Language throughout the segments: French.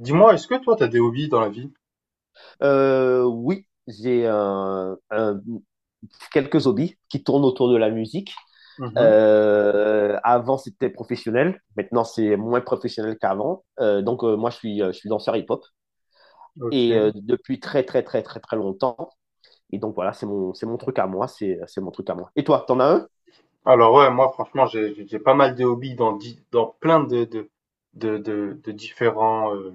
Dis-moi, est-ce que toi, t'as des hobbies dans la vie? Oui, j'ai quelques hobbies qui tournent autour de la musique. Mhm, Avant, c'était professionnel. Maintenant, c'est moins professionnel qu'avant. Je suis, je suis danseur hip-hop ok. et depuis très, très, très, très, très longtemps. Et donc, voilà, c'est mon truc à moi. C'est mon truc à moi. Et toi, t'en as un? Alors ouais, moi, franchement, j'ai pas mal de hobbies dans plein de différents,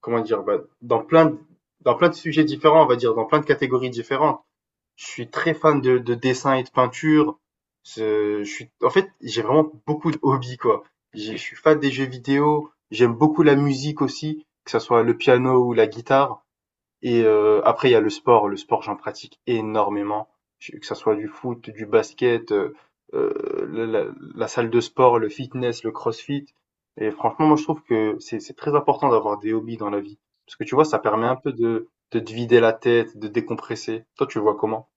comment dire, bah, dans plein de sujets différents, on va dire, dans plein de catégories différentes. Je suis très fan de dessin et de peinture. Je suis, en fait, j'ai vraiment beaucoup de hobbies, quoi. Je suis fan des jeux vidéo, j'aime beaucoup la musique aussi, que ce soit le piano ou la guitare. Et après, il y a le sport. Le sport, j'en pratique énormément, que ça soit du foot, du basket, la salle de sport, le fitness, le crossfit. Et franchement, moi, je trouve que c'est très important d'avoir des hobbies dans la vie. Parce que tu vois, ça permet un peu de te vider la tête, de décompresser. Toi, tu le vois comment?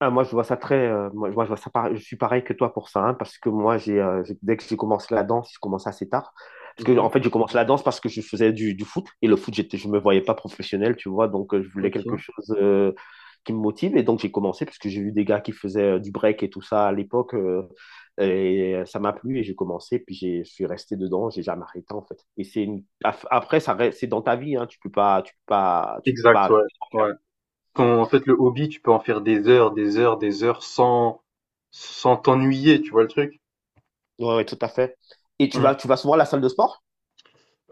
Ah, moi, je vois ça je suis pareil que toi pour ça, hein, parce que moi, dès que j'ai commencé la danse, j'ai commencé assez tard. Parce que, en Mhm, fait, j'ai commencé la danse parce que je faisais du foot, et le foot, je me voyais pas professionnel, tu vois, je voulais quelque ok. chose qui me motive, et donc j'ai commencé, parce que j'ai vu des gars qui faisaient du break et tout ça à l'époque, et ça m'a plu, et j'ai commencé, je suis resté dedans, j'ai jamais arrêté, en fait. Et après, c'est dans ta vie, hein, tu peux pas Exact, arrêter ouais. d'en Ouais. faire. En fait, le hobby, tu peux en faire des heures, des heures, des heures sans t'ennuyer, tu vois le truc? Ouais, ouais, tout à fait. Et tu vas souvent à la salle de sport?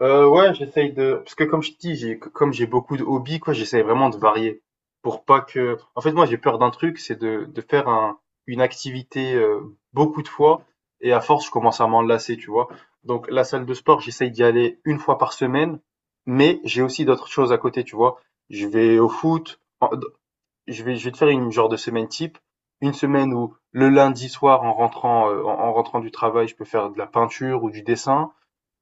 Ouais, j'essaye de, parce que comme je te dis, j'ai comme j'ai beaucoup de hobbies, quoi, j'essaye vraiment de varier pour pas que, en fait, moi, j'ai peur d'un truc, c'est de faire un une activité, beaucoup de fois, et à force, je commence à m'en lasser, tu vois? Donc la salle de sport, j'essaye d'y aller une fois par semaine, mais j'ai aussi d'autres choses à côté, tu vois? Je vais au foot, en je vais te faire une genre de semaine type, une semaine où le lundi soir, en rentrant, en en rentrant du travail, je peux faire de la peinture ou du dessin.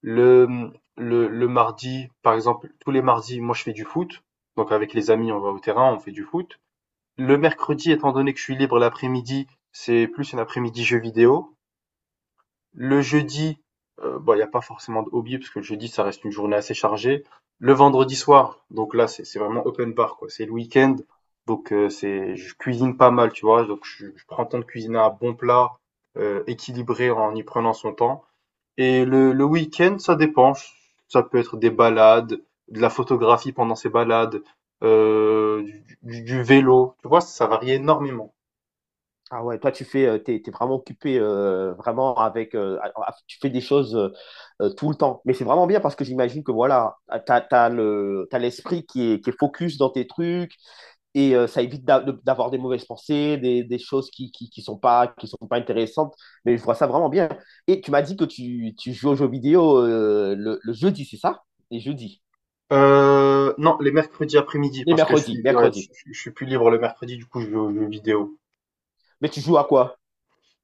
Le, mmh, le mardi, par exemple, tous les mardis, moi, je fais du foot. Donc avec les amis, on va au terrain, on fait du foot. Le mercredi, étant donné que je suis libre l'après-midi, c'est plus un après-midi jeu vidéo. Le jeudi, bon, il n'y a pas forcément de hobby, parce que le jeudi, ça reste une journée assez chargée. Le vendredi soir, donc là, c'est vraiment open bar, quoi. C'est le week-end, donc je cuisine pas mal, tu vois. Donc je prends le temps de cuisiner un bon plat équilibré en y prenant son temps. Et le week-end, ça dépend. Ça peut être des balades, de la photographie pendant ces balades, du vélo, tu vois? Ça varie énormément. Ah ouais, toi t'es vraiment occupé vraiment avec, tu fais des choses tout le temps. Mais c'est vraiment bien parce que j'imagine que voilà, ah, t'as l'esprit qui est focus dans tes trucs et ça évite d'avoir des mauvaises pensées, des choses qui sont pas intéressantes. Mais je vois ça vraiment bien. Et tu m'as dit que tu joues aux jeux vidéo le jeudi, c'est ça? Les jeudis. Non, les mercredis après-midi, parce que je suis ouais, Mercredi. Je suis plus libre le mercredi, du coup, je vais aux jeux vidéo. Mais tu joues à quoi?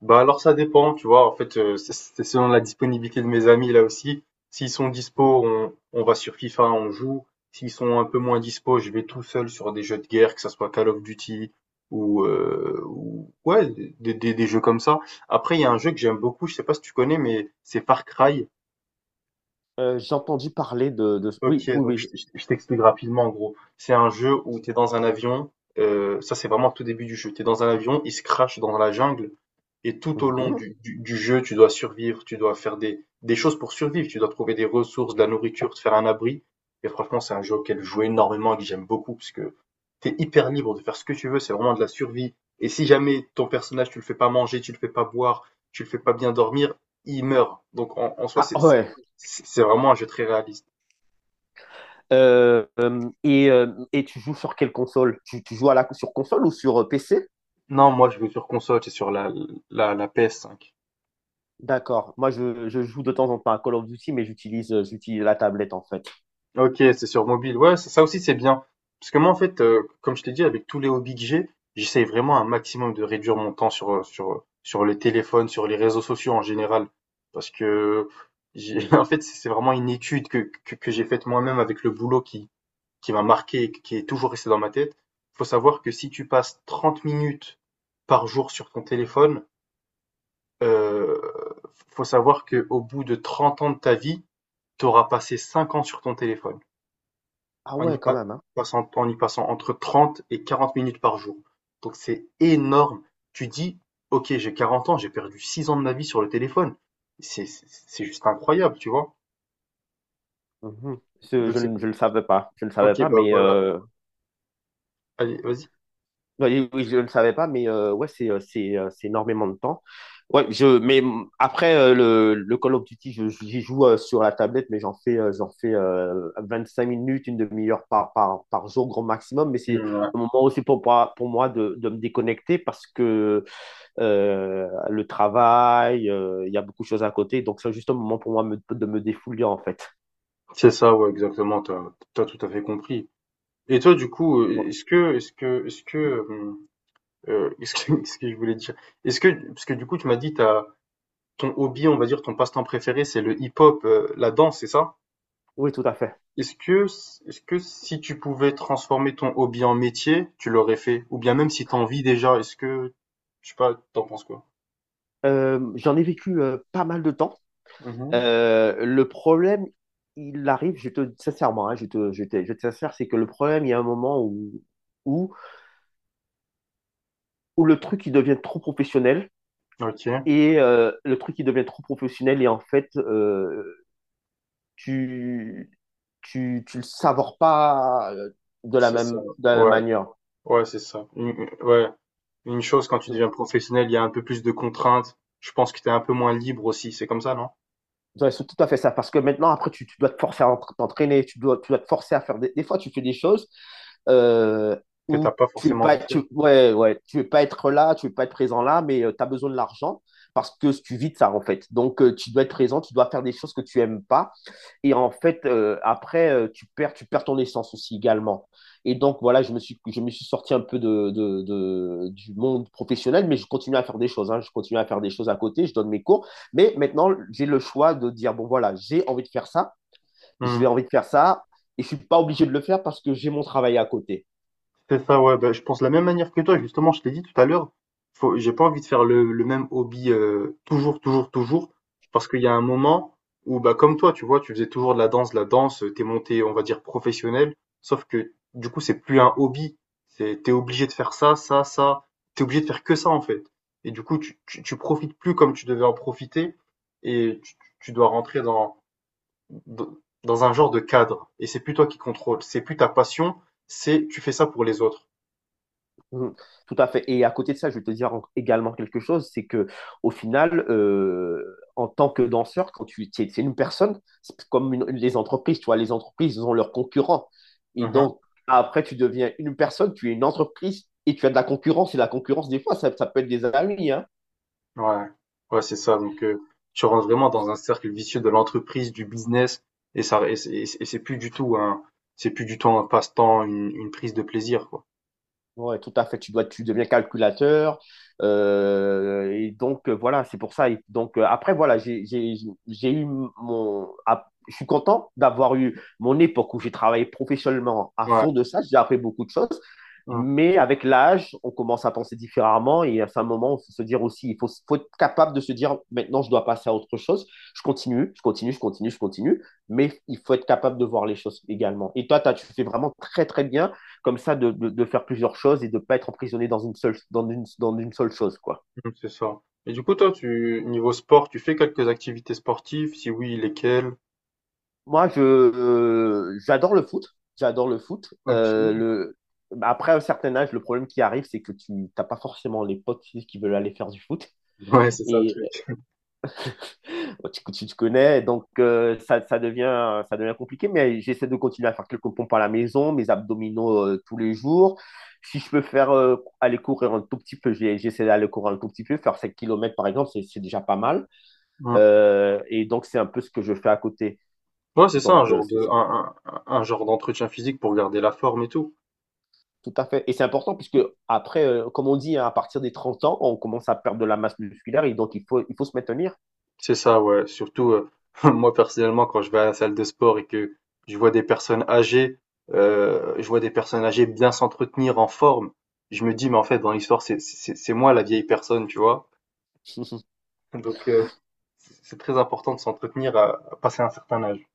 Bah alors, ça dépend, tu vois, en fait, c'est selon la disponibilité de mes amis là aussi. S'ils sont dispo, on va sur FIFA, on joue. S'ils sont un peu moins dispo, je vais tout seul sur des jeux de guerre, que ça soit Call of Duty ouais, des jeux comme ça. Après, il y a un jeu que j'aime beaucoup, je sais pas si tu connais, mais c'est Far Cry. J'ai entendu parler de... Ok, Oui, oui, donc oui. Je t'explique rapidement, en gros. C'est un jeu où tu es dans un avion, ça c'est vraiment au tout début du jeu. Tu es dans un avion, il se crache dans la jungle. Et tout au long Mhm. du jeu, tu dois survivre, tu dois faire des choses pour survivre, tu dois trouver des ressources, de la nourriture, te faire un abri. Et franchement, c'est un jeu auquel je joue énormément et que j'aime beaucoup, parce que t'es hyper libre de faire ce que tu veux, c'est vraiment de la survie. Et si jamais ton personnage, tu le fais pas manger, tu le fais pas boire, tu le fais pas bien dormir, il meurt. Donc en soi, Ah c'est c'est ouais. c'est vraiment un jeu très réaliste. Euh, euh, et, euh, et tu joues sur quelle console? Tu joues à la, sur console ou sur PC? Non, moi, je joue sur console, c'est sur la PS5. D'accord. Moi, je joue de temps en temps à Call of Duty, mais j'utilise la tablette en fait. OK, c'est sur mobile. Ouais, ça aussi, c'est bien. Parce que moi, en fait, comme je t'ai dit, avec tous les hobbies que j'ai, j'essaye vraiment un maximum de réduire mon temps sur le téléphone, sur les réseaux sociaux en général. Parce que j'ai en fait, c'est vraiment une étude que j'ai faite moi-même avec le boulot qui m'a marqué et qui est toujours resté dans ma tête. Faut savoir que si tu passes 30 minutes par jour sur ton téléphone, heu, faut savoir que au bout de 30 ans de ta vie, tu auras passé 5 ans sur ton téléphone Ah en y ouais, quand pa- même, hein. En y passant entre 30 et 40 minutes par jour. Donc c'est énorme. Tu dis, ok, j'ai 40 ans, j'ai perdu 6 ans de ma vie sur le téléphone. C'est juste incroyable, tu vois. Mhm. Donc c'est, Je le savais pas. Je ne ok, savais pas, bah mais voilà, allez, vas-y. ouais, oui, oui, je ne le savais pas, mais c'est énormément de temps. Ouais, je mais mm, après le Call of Duty, j'y joue sur la tablette, mais j'en fais 5 minutes, une demi-heure par jour grand maximum. Mais c'est Mm, ouais. un moment aussi pour moi de me déconnecter parce que le travail, il y a beaucoup de choses à côté, donc c'est juste un moment pour moi de me défouler en fait. C'est ça, ouais, exactement, t'as tout à fait compris. Et toi, du coup, Voilà. est-ce que, est-ce que, est-ce que, est-ce que, ce que je voulais dire, parce que du coup, tu m'as dit, t'as, ton hobby, on va dire, ton passe-temps préféré, c'est le hip-hop, la danse, c'est ça? Oui, tout à fait. Est-ce que Est-ce que si tu pouvais transformer ton hobby en métier, tu l'aurais fait? Ou bien, même si t'en vis déjà, est-ce que, je sais pas, t'en penses quoi? J'en ai vécu pas mal de temps. Mhm. Le problème, il arrive, je te sincèrement, hein, je te, je te, je te sincère, c'est que le problème, il y a un moment où, où le truc il devient trop professionnel Ok, et le truc il devient trop professionnel et en fait tu, tu, tu le savores pas c'est ça. De la même Ouais, manière. ouais, c'est ça. Ouais, une chose, quand tu De- deviens professionnel, il y a un peu plus de contraintes. Je pense que t'es un peu moins libre aussi. C'est comme ça, non? C'est tout à fait ça parce que maintenant tu dois te forcer à t'entraîner, tu dois te forcer à faire des fois tu fais des choses euh, Que t'as où pas tu veux forcément pas, envie de faire. Ouais, ouais, tu veux pas être là, tu veux pas être présent là, mais tu as besoin de l'argent parce que tu vis de ça en fait. Tu dois être présent, tu dois faire des choses que tu aimes pas et en fait après tu perds ton essence aussi également. Et donc voilà, je me suis sorti un peu de du monde professionnel, mais je continue à faire des choses. Hein. Je continue à faire des choses à côté, je donne mes cours, mais maintenant j'ai le choix de dire bon voilà j'ai envie de faire ça, Hmm. j'ai envie de faire ça et je suis pas obligé de le faire parce que j'ai mon travail à côté. C'est ça, ouais, bah, je pense de la même manière que toi. Justement, je t'ai dit tout à l'heure, j'ai pas envie de faire le même hobby toujours, toujours, toujours, parce qu'il y a un moment où, bah, comme toi, tu vois, tu faisais toujours de la danse, t'es monté, on va dire, professionnel, sauf que, du coup, c'est plus un hobby, c'est, t'es obligé de faire ça, ça, ça, t'es obligé de faire que ça, en fait. Et du coup, tu profites plus comme tu devais en profiter, et tu dois rentrer dans, dans, dans un genre de cadre, et c'est plus toi qui contrôle, c'est plus ta passion, c'est, tu fais ça pour les autres. Mhm. Tout à fait. Et à côté de ça, je vais te dire également quelque chose, c'est que au final, en tant que danseur, quand tu es, une personne, les entreprises, tu vois, les entreprises ils ont leurs concurrents. Et Mmh. donc, après, tu deviens une personne, tu es une entreprise et tu as de la concurrence. Et la concurrence, des fois, ça peut être des amis, hein. Ouais. Ouais, c'est ça, donc tu rentres vraiment dans un cercle vicieux de l'entreprise, du business, et ça, et c'est plus du tout un passe-temps, une prise de plaisir, quoi. Ouais, tout à fait. Tu deviens calculateur. Voilà, c'est pour ça. Et donc, après, voilà, j'ai eu mon. Ah, je suis content d'avoir eu mon époque où j'ai travaillé professionnellement à Ouais. fond de ça. J'ai appris beaucoup de choses. Mmh, Mais avec l'âge, on commence à penser différemment. Et à un moment, il faut se dire aussi, faut être capable de se dire, maintenant, je dois passer à autre chose. Je continue. Mais il faut être capable de voir les choses également. Et toi, tu fais vraiment très, très bien comme ça faire plusieurs choses et de ne pas être emprisonné dans une seule chose. Quoi. mmh, c'est ça. Et du coup, toi, tu, niveau sport, tu fais quelques activités sportives? Si oui, lesquelles? J'adore le foot. J'adore le foot. OK. Après un certain âge, le problème qui arrive, c'est que tu n'as pas forcément les potes qui veulent aller faire du foot. Ouais, c'est ça le Et truc. Tu te connais, ça devient compliqué. Mais j'essaie de continuer à faire quelques pompes à la maison, mes abdominaux tous les jours si je peux faire aller courir un tout petit peu, j'essaie d'aller courir un tout petit peu, faire 7 kilomètres par exemple, c'est déjà pas mal. Mmh. Et donc, c'est un peu ce que je fais à côté. Ouais, c'est ça, un Donc, genre c'est de ça. Un genre d'entretien physique pour garder la forme et tout. Tout à fait. Et c'est important puisque après, comme on dit, hein, à partir des 30 ans, on commence à perdre de la masse musculaire et donc il faut se maintenir. C'est ça, ouais. Surtout, moi personnellement, quand je vais à la salle de sport et que je vois des personnes âgées, je vois des personnes âgées bien s'entretenir en forme, je me dis, mais en fait, dans l'histoire, c'est moi la vieille personne, tu vois. Donc, c'est très important de s'entretenir à, passer un certain âge.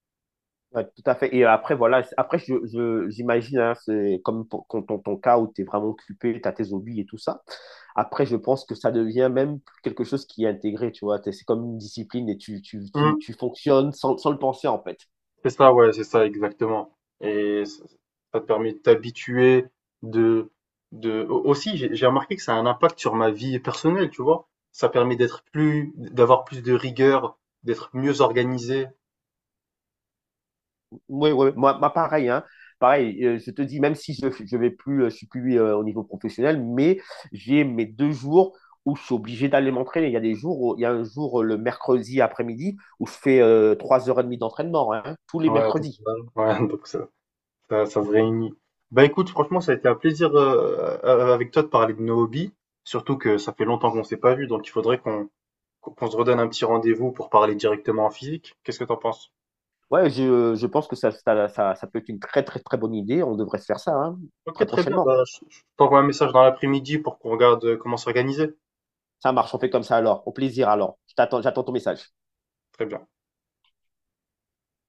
Ouais, tout à fait. Et après, voilà, après, j'imagine, hein, c'est comme pour- con- ton, ton cas où tu es vraiment occupé, tu as tes hobbies et tout ça. Après, je pense que ça devient même quelque chose qui est intégré, tu vois. C'est comme une discipline et tu fonctionnes sans le penser, en fait. C'est ça, ouais, c'est ça, exactement. Et ça te permet de t'habituer, de, aussi, j'ai remarqué que ça a un impact sur ma vie personnelle, tu vois. Ça permet d'être plus, d'avoir plus de rigueur, d'être mieux organisé. Oui, oui, moi, pareil, hein. Pareil, je te dis, même si je vais plus, je suis plus au niveau professionnel, mais j'ai mes 2 jours où je suis obligé d'aller m'entraîner. Il y a des jours, il y a un jour le mercredi après-midi où je fais 3 heures et demie d'entraînement, hein, tous les Ouais, donc, mercredis. voilà. Ouais, donc ça se réunit. Bah écoute, franchement, ça a été un plaisir, avec toi, de parler de nos hobbies. Surtout que ça fait longtemps qu'on s'est pas vu, donc il faudrait qu'on se redonne un petit rendez-vous pour parler directement en physique. Qu'est-ce que t'en penses? Ouais, je pense que ça peut être une très, très, très bonne idée. On devrait se faire ça, hein, Ok, très très bien. prochainement. Bah, je t'envoie un message dans l'après-midi pour qu'on regarde comment s'organiser. Ça marche, on fait comme ça alors. Au plaisir alors. Je t'attends, j'attends ton message. Très bien.